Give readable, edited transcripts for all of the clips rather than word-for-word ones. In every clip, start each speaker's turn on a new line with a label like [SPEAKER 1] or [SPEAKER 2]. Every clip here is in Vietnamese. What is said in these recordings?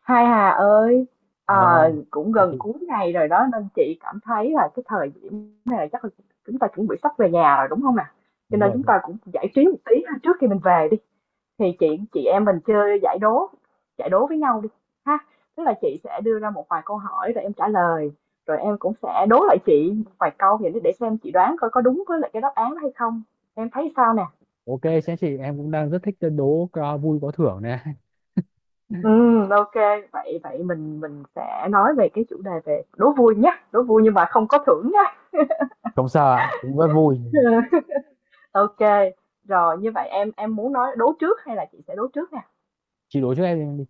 [SPEAKER 1] Hai Hà ơi,
[SPEAKER 2] Ờ,
[SPEAKER 1] ờ, cũng
[SPEAKER 2] thế
[SPEAKER 1] gần
[SPEAKER 2] chị
[SPEAKER 1] cuối ngày rồi đó nên chị cảm thấy là cái thời điểm này là chắc là chúng ta chuẩn bị sắp về nhà rồi đúng không nè? Cho
[SPEAKER 2] đúng
[SPEAKER 1] nên
[SPEAKER 2] rồi.
[SPEAKER 1] chúng ta cũng giải trí một tí ha, trước khi mình về đi. Thì chị em mình chơi giải đố với nhau đi ha. Tức là chị sẽ đưa ra một vài câu hỏi rồi em trả lời, rồi em cũng sẽ đố lại chị một vài câu vậy để xem chị đoán coi có đúng với lại cái đáp án đó hay không. Em thấy sao nè?
[SPEAKER 2] Ok, sẽ chị em cũng đang rất thích đố vui có thưởng này.
[SPEAKER 1] Ừ, ok vậy vậy mình sẽ nói về cái chủ đề về đố vui nhé, đố vui nhưng mà không có thưởng nhé.
[SPEAKER 2] Không sao ạ, cũng rất vui.
[SPEAKER 1] Ok, rồi như vậy em muốn nói đố trước hay là chị sẽ đố trước nè?
[SPEAKER 2] Chị đố trước em đi.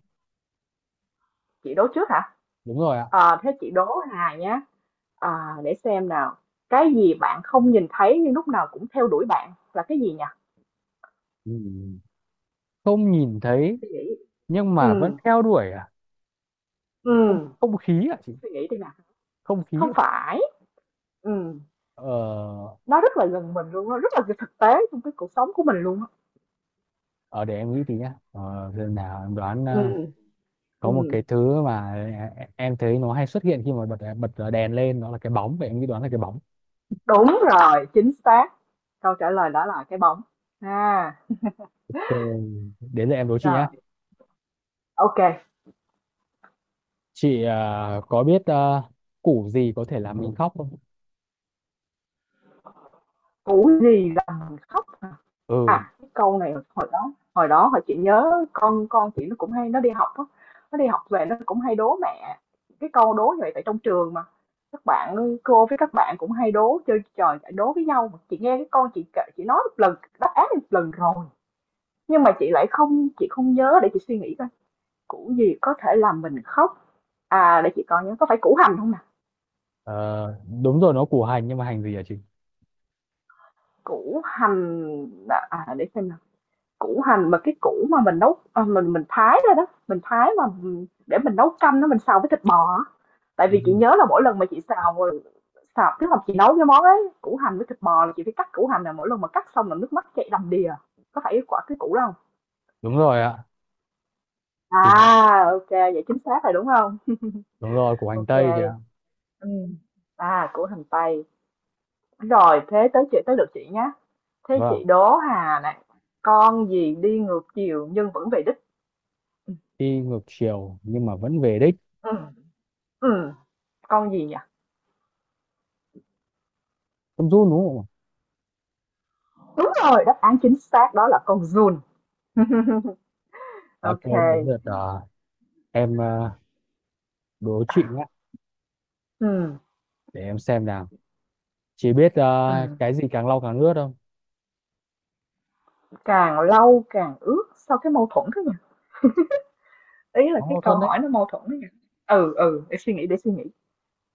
[SPEAKER 1] Chị đố trước hả?
[SPEAKER 2] Đúng rồi ạ.
[SPEAKER 1] Thế chị đố Hà nhé, à, để xem nào. Cái gì bạn không nhìn thấy nhưng lúc nào cũng theo đuổi bạn là cái gì nhỉ?
[SPEAKER 2] Ừ. Không nhìn thấy
[SPEAKER 1] Suy nghĩ.
[SPEAKER 2] nhưng
[SPEAKER 1] Ừ,
[SPEAKER 2] mà vẫn theo đuổi à?
[SPEAKER 1] ừ.
[SPEAKER 2] Không không khí ạ chị.
[SPEAKER 1] Suy nghĩ đi nào.
[SPEAKER 2] Không
[SPEAKER 1] Không
[SPEAKER 2] khí.
[SPEAKER 1] phải. Ừ,
[SPEAKER 2] Ờ
[SPEAKER 1] nó rất là gần mình luôn, nó rất là thực tế trong cái cuộc sống của mình luôn á.
[SPEAKER 2] ở để em nghĩ tí nhá. Ờ giờ nào em đoán
[SPEAKER 1] Ừ,
[SPEAKER 2] ờ,
[SPEAKER 1] ừ.
[SPEAKER 2] có một cái thứ mà em thấy nó hay xuất hiện khi mà bật bật đèn lên, nó là cái bóng, vậy em nghĩ đoán là cái bóng.
[SPEAKER 1] Đúng rồi, chính xác. Câu trả lời đó là cái bóng. À,
[SPEAKER 2] Ok, đến giờ em đố chị nhá.
[SPEAKER 1] rồi, ok kê.
[SPEAKER 2] Chị à, có biết à, củ gì có thể làm mình khóc không?
[SPEAKER 1] Củ gì làm mình khóc?
[SPEAKER 2] Ừ,
[SPEAKER 1] À, cái câu này hồi đó, hồi chị nhớ con chị nó cũng hay nó đi học á, nó đi học về nó cũng hay đố mẹ cái câu đố như vậy tại trong trường mà. Các bạn cô với các bạn cũng hay đố chơi trò chạy đố với nhau mà chị nghe cái con chị nói một lần đáp án một lần rồi, nhưng mà chị không nhớ. Để chị suy nghĩ coi, củ gì có thể làm mình khóc. À, để chị coi nhớ, có phải củ hành không nè?
[SPEAKER 2] ờ, đúng rồi nó củ hành, nhưng mà hành gì hả chị?
[SPEAKER 1] Củ hành, à, để xem nào. Củ hành mà cái củ mà mình nấu, mình thái ra đó, mình thái mà, để mình nấu canh nó, mình xào với thịt bò á. Tại
[SPEAKER 2] Ừ.
[SPEAKER 1] vì chị nhớ là mỗi lần mà chị xào, tức là chị nấu cái món ấy, củ hành với thịt bò là chị phải cắt củ hành, là mỗi lần mà cắt xong là nước mắt chảy đầm đìa. Có phải quả cái củ đó hông?
[SPEAKER 2] Đúng rồi ạ, thì nó,
[SPEAKER 1] À, vậy chính xác rồi, đúng không?
[SPEAKER 2] đúng rồi củ hành
[SPEAKER 1] Ok
[SPEAKER 2] tây kìa.
[SPEAKER 1] kê, à, củ hành tây. Rồi, thế tới lượt chị nhá. Thế
[SPEAKER 2] Vâng,
[SPEAKER 1] chị đố Hà này, con gì đi ngược chiều nhưng vẫn về đích? Ừ,
[SPEAKER 2] đi ngược chiều nhưng mà vẫn về đích.
[SPEAKER 1] ừ, ừ, con gì nhỉ?
[SPEAKER 2] Không run đúng không?
[SPEAKER 1] Đúng rồi, đáp án chính xác đó là con giun.
[SPEAKER 2] Ạ? À, ok,
[SPEAKER 1] Ok.
[SPEAKER 2] đến lượt à, em à, đố chị nhé,
[SPEAKER 1] Ừ,
[SPEAKER 2] để em xem nào. Chị biết à,
[SPEAKER 1] ừ.
[SPEAKER 2] cái gì càng lau càng ướt không?
[SPEAKER 1] Càng lâu càng ướt, sao cái mâu thuẫn thế nhỉ? Ý là
[SPEAKER 2] Nó
[SPEAKER 1] cái
[SPEAKER 2] mâu
[SPEAKER 1] câu
[SPEAKER 2] thuẫn đấy.
[SPEAKER 1] hỏi nó mâu thuẫn đấy nhỉ? Ừ, ừ, để suy nghĩ, để suy nghĩ.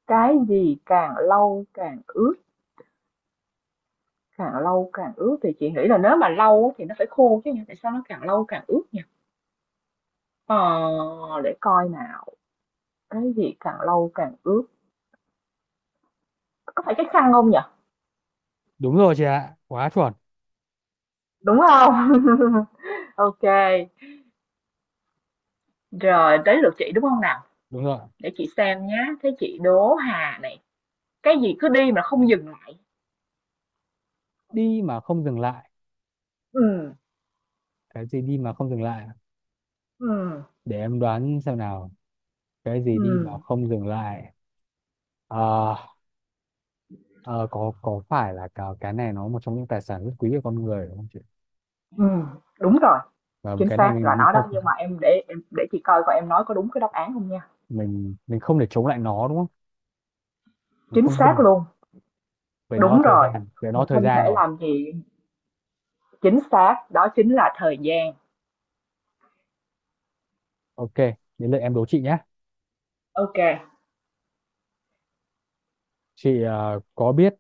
[SPEAKER 1] Cái gì càng lâu càng ướt, càng lâu càng ướt thì chị nghĩ là nếu mà lâu á thì nó phải khô chứ nhỉ? Tại sao nó càng lâu càng ướt nhỉ? Ờ, để coi nào. Cái gì càng lâu càng ướt? Có phải cái khăn không nhỉ?
[SPEAKER 2] Đúng rồi chị ạ, quá chuẩn.
[SPEAKER 1] Đúng không? Ok. Rồi, tới lượt chị đúng không nào?
[SPEAKER 2] Đúng rồi.
[SPEAKER 1] Để chị xem nhá, thấy chị Đỗ Hà này, cái gì cứ đi mà không dừng lại.
[SPEAKER 2] Đi mà không dừng lại.
[SPEAKER 1] Ừm,
[SPEAKER 2] Cái gì đi mà không dừng lại?
[SPEAKER 1] ừm,
[SPEAKER 2] Để em đoán xem nào. Cái gì đi mà
[SPEAKER 1] ừm,
[SPEAKER 2] không dừng lại? Ờ, ờ, có phải là cái này nó một trong những tài sản rất quý của con người đúng không chị?
[SPEAKER 1] ừm, đúng rồi,
[SPEAKER 2] Và
[SPEAKER 1] chính
[SPEAKER 2] cái này
[SPEAKER 1] xác là
[SPEAKER 2] mình
[SPEAKER 1] nó đó, nhưng
[SPEAKER 2] không,
[SPEAKER 1] mà em để chị coi coi em nói có đúng cái đáp án không nha.
[SPEAKER 2] mình không thể chống lại nó đúng không? Mình
[SPEAKER 1] Chính
[SPEAKER 2] không
[SPEAKER 1] xác
[SPEAKER 2] dừng,
[SPEAKER 1] luôn,
[SPEAKER 2] về nó là
[SPEAKER 1] đúng
[SPEAKER 2] thời
[SPEAKER 1] rồi,
[SPEAKER 2] gian, về nó là
[SPEAKER 1] mình
[SPEAKER 2] thời
[SPEAKER 1] không
[SPEAKER 2] gian
[SPEAKER 1] thể
[SPEAKER 2] rồi.
[SPEAKER 1] làm gì. Chính xác, đó chính là thời gian.
[SPEAKER 2] Ok, đến lượt em đố chị nhé.
[SPEAKER 1] Ok.
[SPEAKER 2] Chị ờ, có biết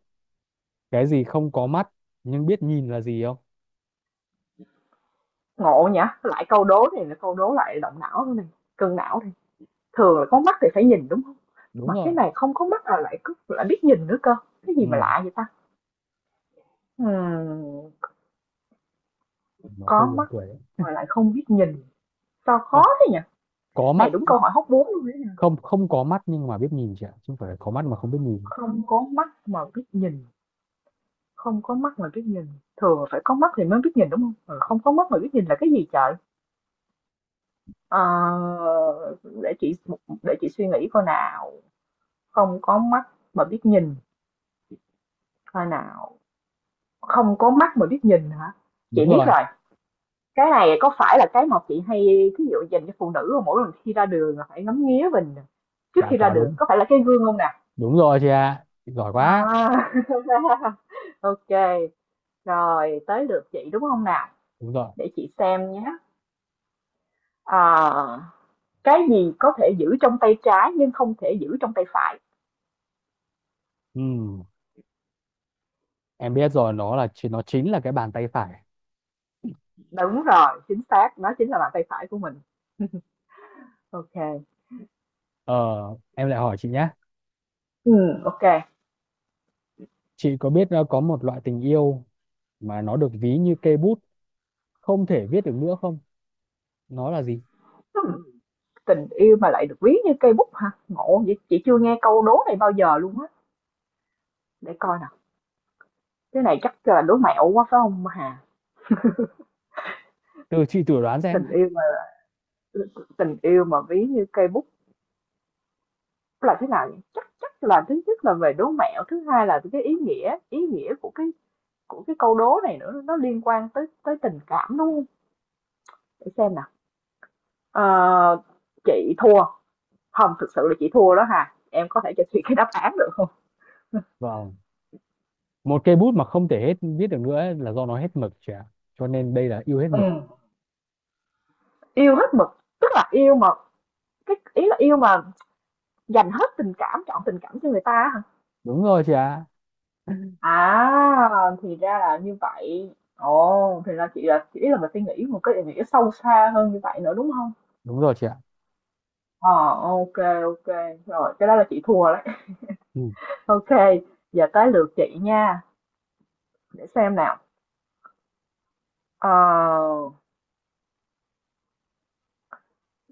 [SPEAKER 2] cái gì không có mắt nhưng biết nhìn là gì không?
[SPEAKER 1] Ngộ nhỉ, lại câu đố này là câu đố lại động não này, cân não này. Thường là có mắt thì phải nhìn đúng không?
[SPEAKER 2] Đúng
[SPEAKER 1] Mà cái
[SPEAKER 2] rồi.
[SPEAKER 1] này không có mắt là lại cứ lại biết nhìn nữa cơ. Cái gì mà
[SPEAKER 2] Ừ,
[SPEAKER 1] lạ vậy ta? Ừm,
[SPEAKER 2] nó
[SPEAKER 1] có
[SPEAKER 2] hơi buồn
[SPEAKER 1] mắt
[SPEAKER 2] cười đấy.
[SPEAKER 1] mà lại không biết nhìn. Sao khó
[SPEAKER 2] Ờ,
[SPEAKER 1] thế nhỉ?
[SPEAKER 2] có
[SPEAKER 1] Này
[SPEAKER 2] mắt,
[SPEAKER 1] đúng câu hỏi hóc búa luôn đấy.
[SPEAKER 2] không không có mắt nhưng mà biết nhìn chị ạ, chứ không phải là có mắt mà không biết nhìn.
[SPEAKER 1] Không có mắt mà biết nhìn, không có mắt mà biết nhìn. Thường phải có mắt thì mới biết nhìn đúng không? Ờ, không có mắt mà biết nhìn là cái gì trời? Ờ, để chị, để chị suy nghĩ coi nào. Không có mắt mà biết nhìn, coi nào. Không có mắt mà biết nhìn hả?
[SPEAKER 2] Đúng
[SPEAKER 1] Chị biết
[SPEAKER 2] rồi.
[SPEAKER 1] rồi. Cái này có phải là cái mà chị hay ví dụ dành cho phụ nữ không? Mỗi lần khi ra đường là phải ngắm nghía mình trước
[SPEAKER 2] Dạ
[SPEAKER 1] khi ra
[SPEAKER 2] quá
[SPEAKER 1] đường,
[SPEAKER 2] đúng.
[SPEAKER 1] có phải là cái gương không nè?
[SPEAKER 2] Đúng rồi chị ạ. Chị giỏi quá.
[SPEAKER 1] À, OK, rồi tới lượt chị đúng không nào?
[SPEAKER 2] Đúng rồi.
[SPEAKER 1] Để chị xem nhé. Ờ, cái gì có thể giữ trong tay trái nhưng không thể giữ trong tay phải?
[SPEAKER 2] Ừ. Em biết rồi, nó là nó chính là cái bàn tay phải.
[SPEAKER 1] Đúng rồi, chính xác, nó chính là bàn tay phải của mình. OK.
[SPEAKER 2] Ờ, em lại hỏi chị nhé,
[SPEAKER 1] Ừ, OK.
[SPEAKER 2] chị có biết ờ, có một loại tình yêu mà nó được ví như cây bút không thể viết được nữa không, nó là gì?
[SPEAKER 1] Hmm, tình yêu mà lại được ví như cây bút hả? Ngộ vậy, chị chưa nghe câu đố này bao giờ luôn á. Để coi nào. Cái này chắc là đố mẹo quá phải không Hà?
[SPEAKER 2] Từ chị thử đoán xem.
[SPEAKER 1] Tình yêu mà tình yêu mà ví như cây bút là thế nào nhỉ? Chắc Chắc là thứ nhất là về đố mẹo, thứ hai là cái ý nghĩa của cái, câu đố này nữa, nó liên quan tới tới tình cảm, đúng hông? Để xem nào. Ờ, chị thua, hông, thực sự là chị thua đó ha. Em có thể cho chị cái đáp án được không?
[SPEAKER 2] Vâng, một cây bút mà không thể hết viết được nữa ấy là do nó hết mực chị ạ, cho nên đây là yêu hết
[SPEAKER 1] Ừ.
[SPEAKER 2] mực.
[SPEAKER 1] Yêu hết mực, tức là yêu mà, cái ý là yêu mà dành hết tình cảm, chọn tình cảm cho người ta hả?
[SPEAKER 2] Đúng rồi chị ạ.
[SPEAKER 1] À, thì ra là như vậy. Ồ, thì ra chị là chỉ là mình suy nghĩ một cái ý nghĩa sâu xa hơn như vậy nữa, đúng không?
[SPEAKER 2] Đúng rồi chị ạ.
[SPEAKER 1] Ờ, ok, ok. Rồi, cái đó là chị thua đấy.
[SPEAKER 2] Ừ.
[SPEAKER 1] Ok, giờ tới lượt chị nha. Để xem nào. Ờ,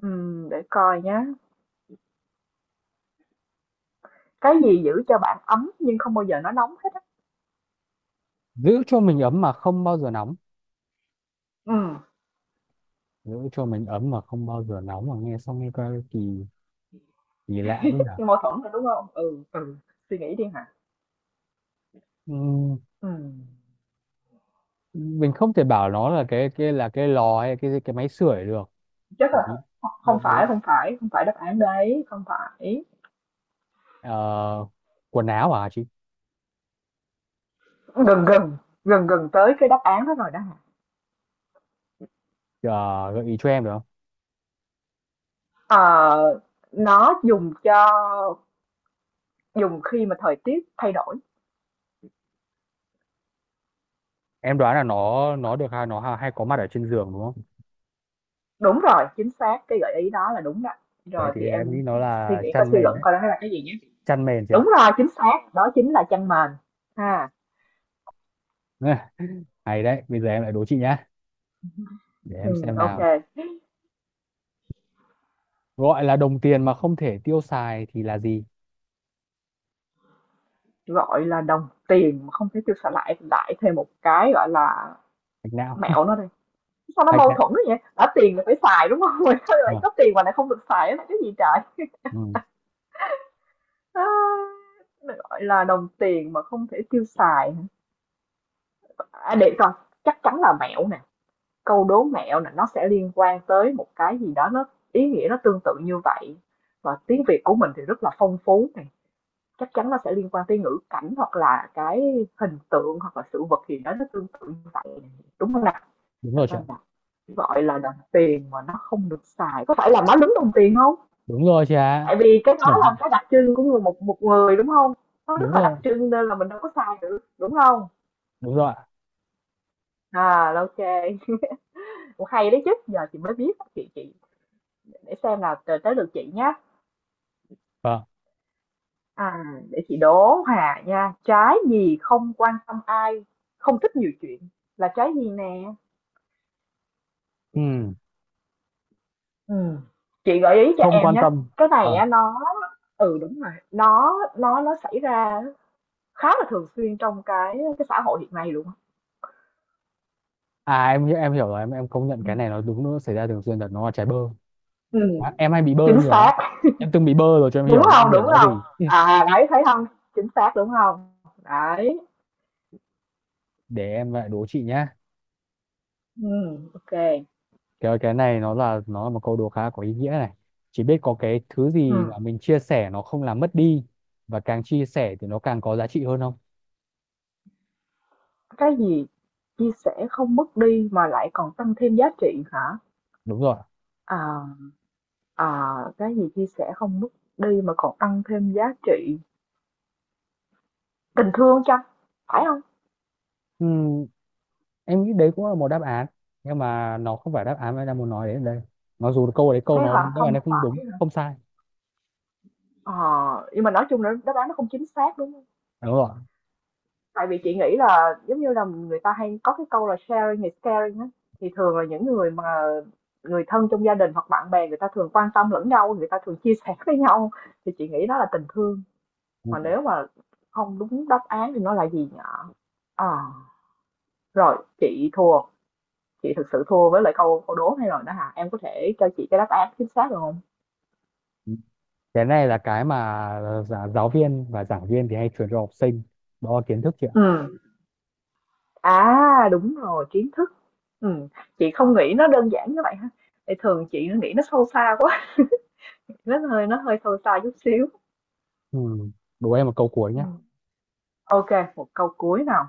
[SPEAKER 1] để coi nhá. Cái gì giữ cho bạn ấm nhưng không bao giờ nó nóng hết á?
[SPEAKER 2] Giữ cho mình ấm mà không bao giờ nóng.
[SPEAKER 1] Ừ,
[SPEAKER 2] Giữ cho mình ấm mà không bao giờ nóng, mà nghe xong nghe coi kỳ, kỳ lạ thế nhở.
[SPEAKER 1] nhưng mâu thuẫn rồi đúng không? Ừ, ừ. Suy nghĩ đi hả?
[SPEAKER 2] Ừ.
[SPEAKER 1] Ừ.
[SPEAKER 2] Mình không thể bảo nó là cái là cái lò hay cái máy sưởi được,
[SPEAKER 1] Chắc là
[SPEAKER 2] bởi vì,
[SPEAKER 1] không
[SPEAKER 2] bởi vì
[SPEAKER 1] phải, không phải, không phải đáp án đấy, không phải.
[SPEAKER 2] ờ, quần áo à chị?
[SPEAKER 1] Gần gần, tới cái đáp án đó rồi đó hả?
[SPEAKER 2] Ờ, gợi ý cho em được không?
[SPEAKER 1] Ờ, nó dùng cho, dùng khi mà thời tiết thay đổi.
[SPEAKER 2] Em đoán là nó được hay nó hay có mặt ở trên giường đúng không?
[SPEAKER 1] Đúng rồi, chính xác, cái gợi ý đó là đúng đó.
[SPEAKER 2] Vậy
[SPEAKER 1] Rồi
[SPEAKER 2] thì
[SPEAKER 1] thì
[SPEAKER 2] em
[SPEAKER 1] em
[SPEAKER 2] nghĩ nó
[SPEAKER 1] suy
[SPEAKER 2] là
[SPEAKER 1] nghĩ coi,
[SPEAKER 2] chăn
[SPEAKER 1] suy
[SPEAKER 2] mền
[SPEAKER 1] luận
[SPEAKER 2] đấy.
[SPEAKER 1] coi đó là cái gì nhé.
[SPEAKER 2] Chăn mền chị ạ.
[SPEAKER 1] Đúng rồi, chính xác, đó chính là chăn mền. Ha.
[SPEAKER 2] Ừ, hay đấy, bây giờ em lại đố chị nhá, để
[SPEAKER 1] Ừ,
[SPEAKER 2] em xem
[SPEAKER 1] ok.
[SPEAKER 2] nào. Gọi là đồng tiền mà không thể tiêu xài thì là gì?
[SPEAKER 1] Gọi là đồng tiền mà không thể tiêu xài lại lại thêm một cái gọi là
[SPEAKER 2] Hạch não.
[SPEAKER 1] mẹo nó đi. Sao nó
[SPEAKER 2] Hạch
[SPEAKER 1] mâu
[SPEAKER 2] não.
[SPEAKER 1] thuẫn vậy? Đã tiền là phải xài đúng không? Mà sao lại
[SPEAKER 2] Ờ,
[SPEAKER 1] có tiền mà lại không được xài là cái gì trời?
[SPEAKER 2] ừ,
[SPEAKER 1] À, gọi là đồng tiền mà không thể tiêu xài, hả? À, để coi, chắc chắn là mẹo nè. Câu đố mẹo là nó sẽ liên quan tới một cái gì đó, nó ý nghĩa nó tương tự như vậy, và tiếng Việt của mình thì rất là phong phú này, chắc chắn nó sẽ liên quan tới ngữ cảnh hoặc là cái hình tượng hoặc là sự vật gì đó nó tương tự như vậy, đúng không nào?
[SPEAKER 2] đúng rồi chị ạ.
[SPEAKER 1] Gọi là đồng tiền mà nó không được xài, có phải là má lúng đồng tiền không?
[SPEAKER 2] Đúng rồi chị ạ.
[SPEAKER 1] Tại vì cái đó
[SPEAKER 2] Chuẩn.
[SPEAKER 1] là cái đặc trưng của người, một một người đúng không? Nó rất
[SPEAKER 2] Đúng
[SPEAKER 1] là đặc
[SPEAKER 2] rồi.
[SPEAKER 1] trưng nên là mình đâu có xài được đúng không?
[SPEAKER 2] Đúng rồi ạ.
[SPEAKER 1] À, ok, cũng hay đấy chứ, giờ chị mới biết. Chị Để xem nào, tới tới lượt chị nhé.
[SPEAKER 2] Vâng.
[SPEAKER 1] À, để chị đố Hà nha. Trái gì không quan tâm ai, không thích nhiều chuyện, là trái gì nè?
[SPEAKER 2] Ừ,
[SPEAKER 1] Ừ. Chị gợi ý cho
[SPEAKER 2] không
[SPEAKER 1] em
[SPEAKER 2] quan
[SPEAKER 1] nhé.
[SPEAKER 2] tâm.
[SPEAKER 1] Cái này
[SPEAKER 2] Ờ.
[SPEAKER 1] á, nó, ừ, đúng rồi, nó xảy ra khá là thường xuyên trong cái xã hội hiện nay luôn á.
[SPEAKER 2] À em em hiểu rồi, em công nhận cái này nó đúng, nó xảy ra thường xuyên thật, nó là trái bơ.
[SPEAKER 1] Ừ,
[SPEAKER 2] À, em hay bị bơ
[SPEAKER 1] chính
[SPEAKER 2] nhiều lắm.
[SPEAKER 1] xác.
[SPEAKER 2] Em từng bị bơ rồi cho em
[SPEAKER 1] Đúng
[SPEAKER 2] hiểu, em
[SPEAKER 1] không?
[SPEAKER 2] hiểu
[SPEAKER 1] Đúng
[SPEAKER 2] nó gì.
[SPEAKER 1] không?
[SPEAKER 2] Ừ.
[SPEAKER 1] À đấy thấy không? Chính xác đúng không? Đấy.
[SPEAKER 2] Để em lại đố chị nhá.
[SPEAKER 1] Ừ, ok.
[SPEAKER 2] Cái này nó là, nó là một câu đố khá có ý nghĩa này. Chỉ biết có cái thứ
[SPEAKER 1] Ừ.
[SPEAKER 2] gì mà mình chia sẻ nó không làm mất đi, và càng chia sẻ thì nó càng có giá trị hơn không?
[SPEAKER 1] Cái gì chia sẻ không mất đi mà lại còn tăng thêm giá trị hả?
[SPEAKER 2] Đúng rồi.
[SPEAKER 1] À, à, cái gì chia sẻ không mất đi mà còn tăng thêm giá trị? Tình thương chăng? Phải không?
[SPEAKER 2] Ừm, em nghĩ đấy cũng là một đáp án, nhưng mà nó không phải đáp án mà em đang muốn nói đến đây, mặc dù câu đấy
[SPEAKER 1] Thế
[SPEAKER 2] câu nó
[SPEAKER 1] hả?
[SPEAKER 2] đáp án
[SPEAKER 1] Không
[SPEAKER 2] này không đúng
[SPEAKER 1] phải hả?
[SPEAKER 2] không sai.
[SPEAKER 1] Ờ, nhưng mà nói chung là đáp án nó không chính xác đúng không?
[SPEAKER 2] Đúng rồi.
[SPEAKER 1] Tại vì chị nghĩ là giống như là người ta hay có cái câu là sharing is caring á. Thì thường là những người mà người thân trong gia đình hoặc bạn bè, người ta thường quan tâm lẫn nhau, người ta thường chia sẻ với nhau. Thì chị nghĩ đó là tình thương.
[SPEAKER 2] Ừ.
[SPEAKER 1] Mà nếu mà không đúng đáp án thì nó là gì nhở? Ờ, rồi, chị thua, chị thực sự thua với lại câu câu đố này rồi đó hả? Em có thể cho chị cái đáp án chính xác được không?
[SPEAKER 2] Cái này là cái mà giáo viên và giảng viên thì hay truyền cho học sinh, đó là kiến thức chị ạ.
[SPEAKER 1] Ừ. À, đúng rồi, kiến thức. Ừ. Chị không nghĩ nó đơn giản như vậy ha. Thì thường chị nó nghĩ nó sâu xa quá, nó hơi sâu xa chút xíu.
[SPEAKER 2] Ừ. Đố em một câu cuối
[SPEAKER 1] Ừ.
[SPEAKER 2] nhé.
[SPEAKER 1] Ok, một câu cuối nào.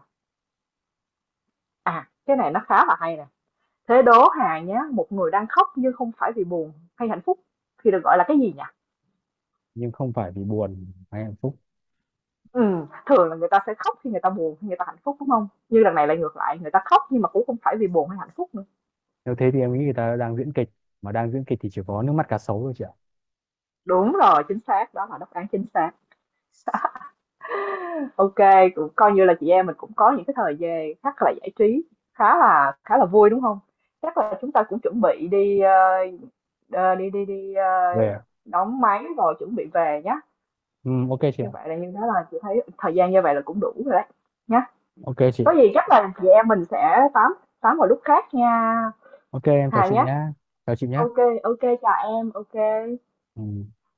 [SPEAKER 1] À, cái này nó khá là hay nè. Thế đố Hà nhé, một người đang khóc nhưng không phải vì buồn hay hạnh phúc thì được gọi là cái gì nhỉ?
[SPEAKER 2] Nhưng không phải vì buồn hay hạnh phúc.
[SPEAKER 1] Ừ, thường là người ta sẽ khóc khi người ta buồn, khi người ta hạnh phúc, đúng không? Như lần này lại ngược lại, người ta khóc nhưng mà cũng không phải vì buồn hay hạnh phúc nữa.
[SPEAKER 2] Nếu thế thì em nghĩ người ta đang diễn kịch, mà đang diễn kịch thì chỉ có nước mắt cá sấu thôi chị ạ.
[SPEAKER 1] Đúng rồi, chính xác, đó là đáp án chính xác. OK, cũng coi như là chị em mình cũng có những cái thời gian chắc là giải trí khá là vui, đúng không? Chắc là chúng ta cũng chuẩn bị đi, đi đi đi,
[SPEAKER 2] Về ạ.
[SPEAKER 1] đóng máy rồi chuẩn bị về nhá.
[SPEAKER 2] Ừ, ok chị ạ.
[SPEAKER 1] Như vậy là, như đó là chị thấy thời gian như vậy là cũng đủ rồi đấy, nhá.
[SPEAKER 2] Ok chị.
[SPEAKER 1] Có gì chắc là chị em mình sẽ tám, vào lúc khác nha,
[SPEAKER 2] Ok em chào
[SPEAKER 1] Hà
[SPEAKER 2] chị
[SPEAKER 1] nhá.
[SPEAKER 2] nhá. Chào chị nhá.
[SPEAKER 1] OK, OK, chào em, OK.
[SPEAKER 2] Ừ.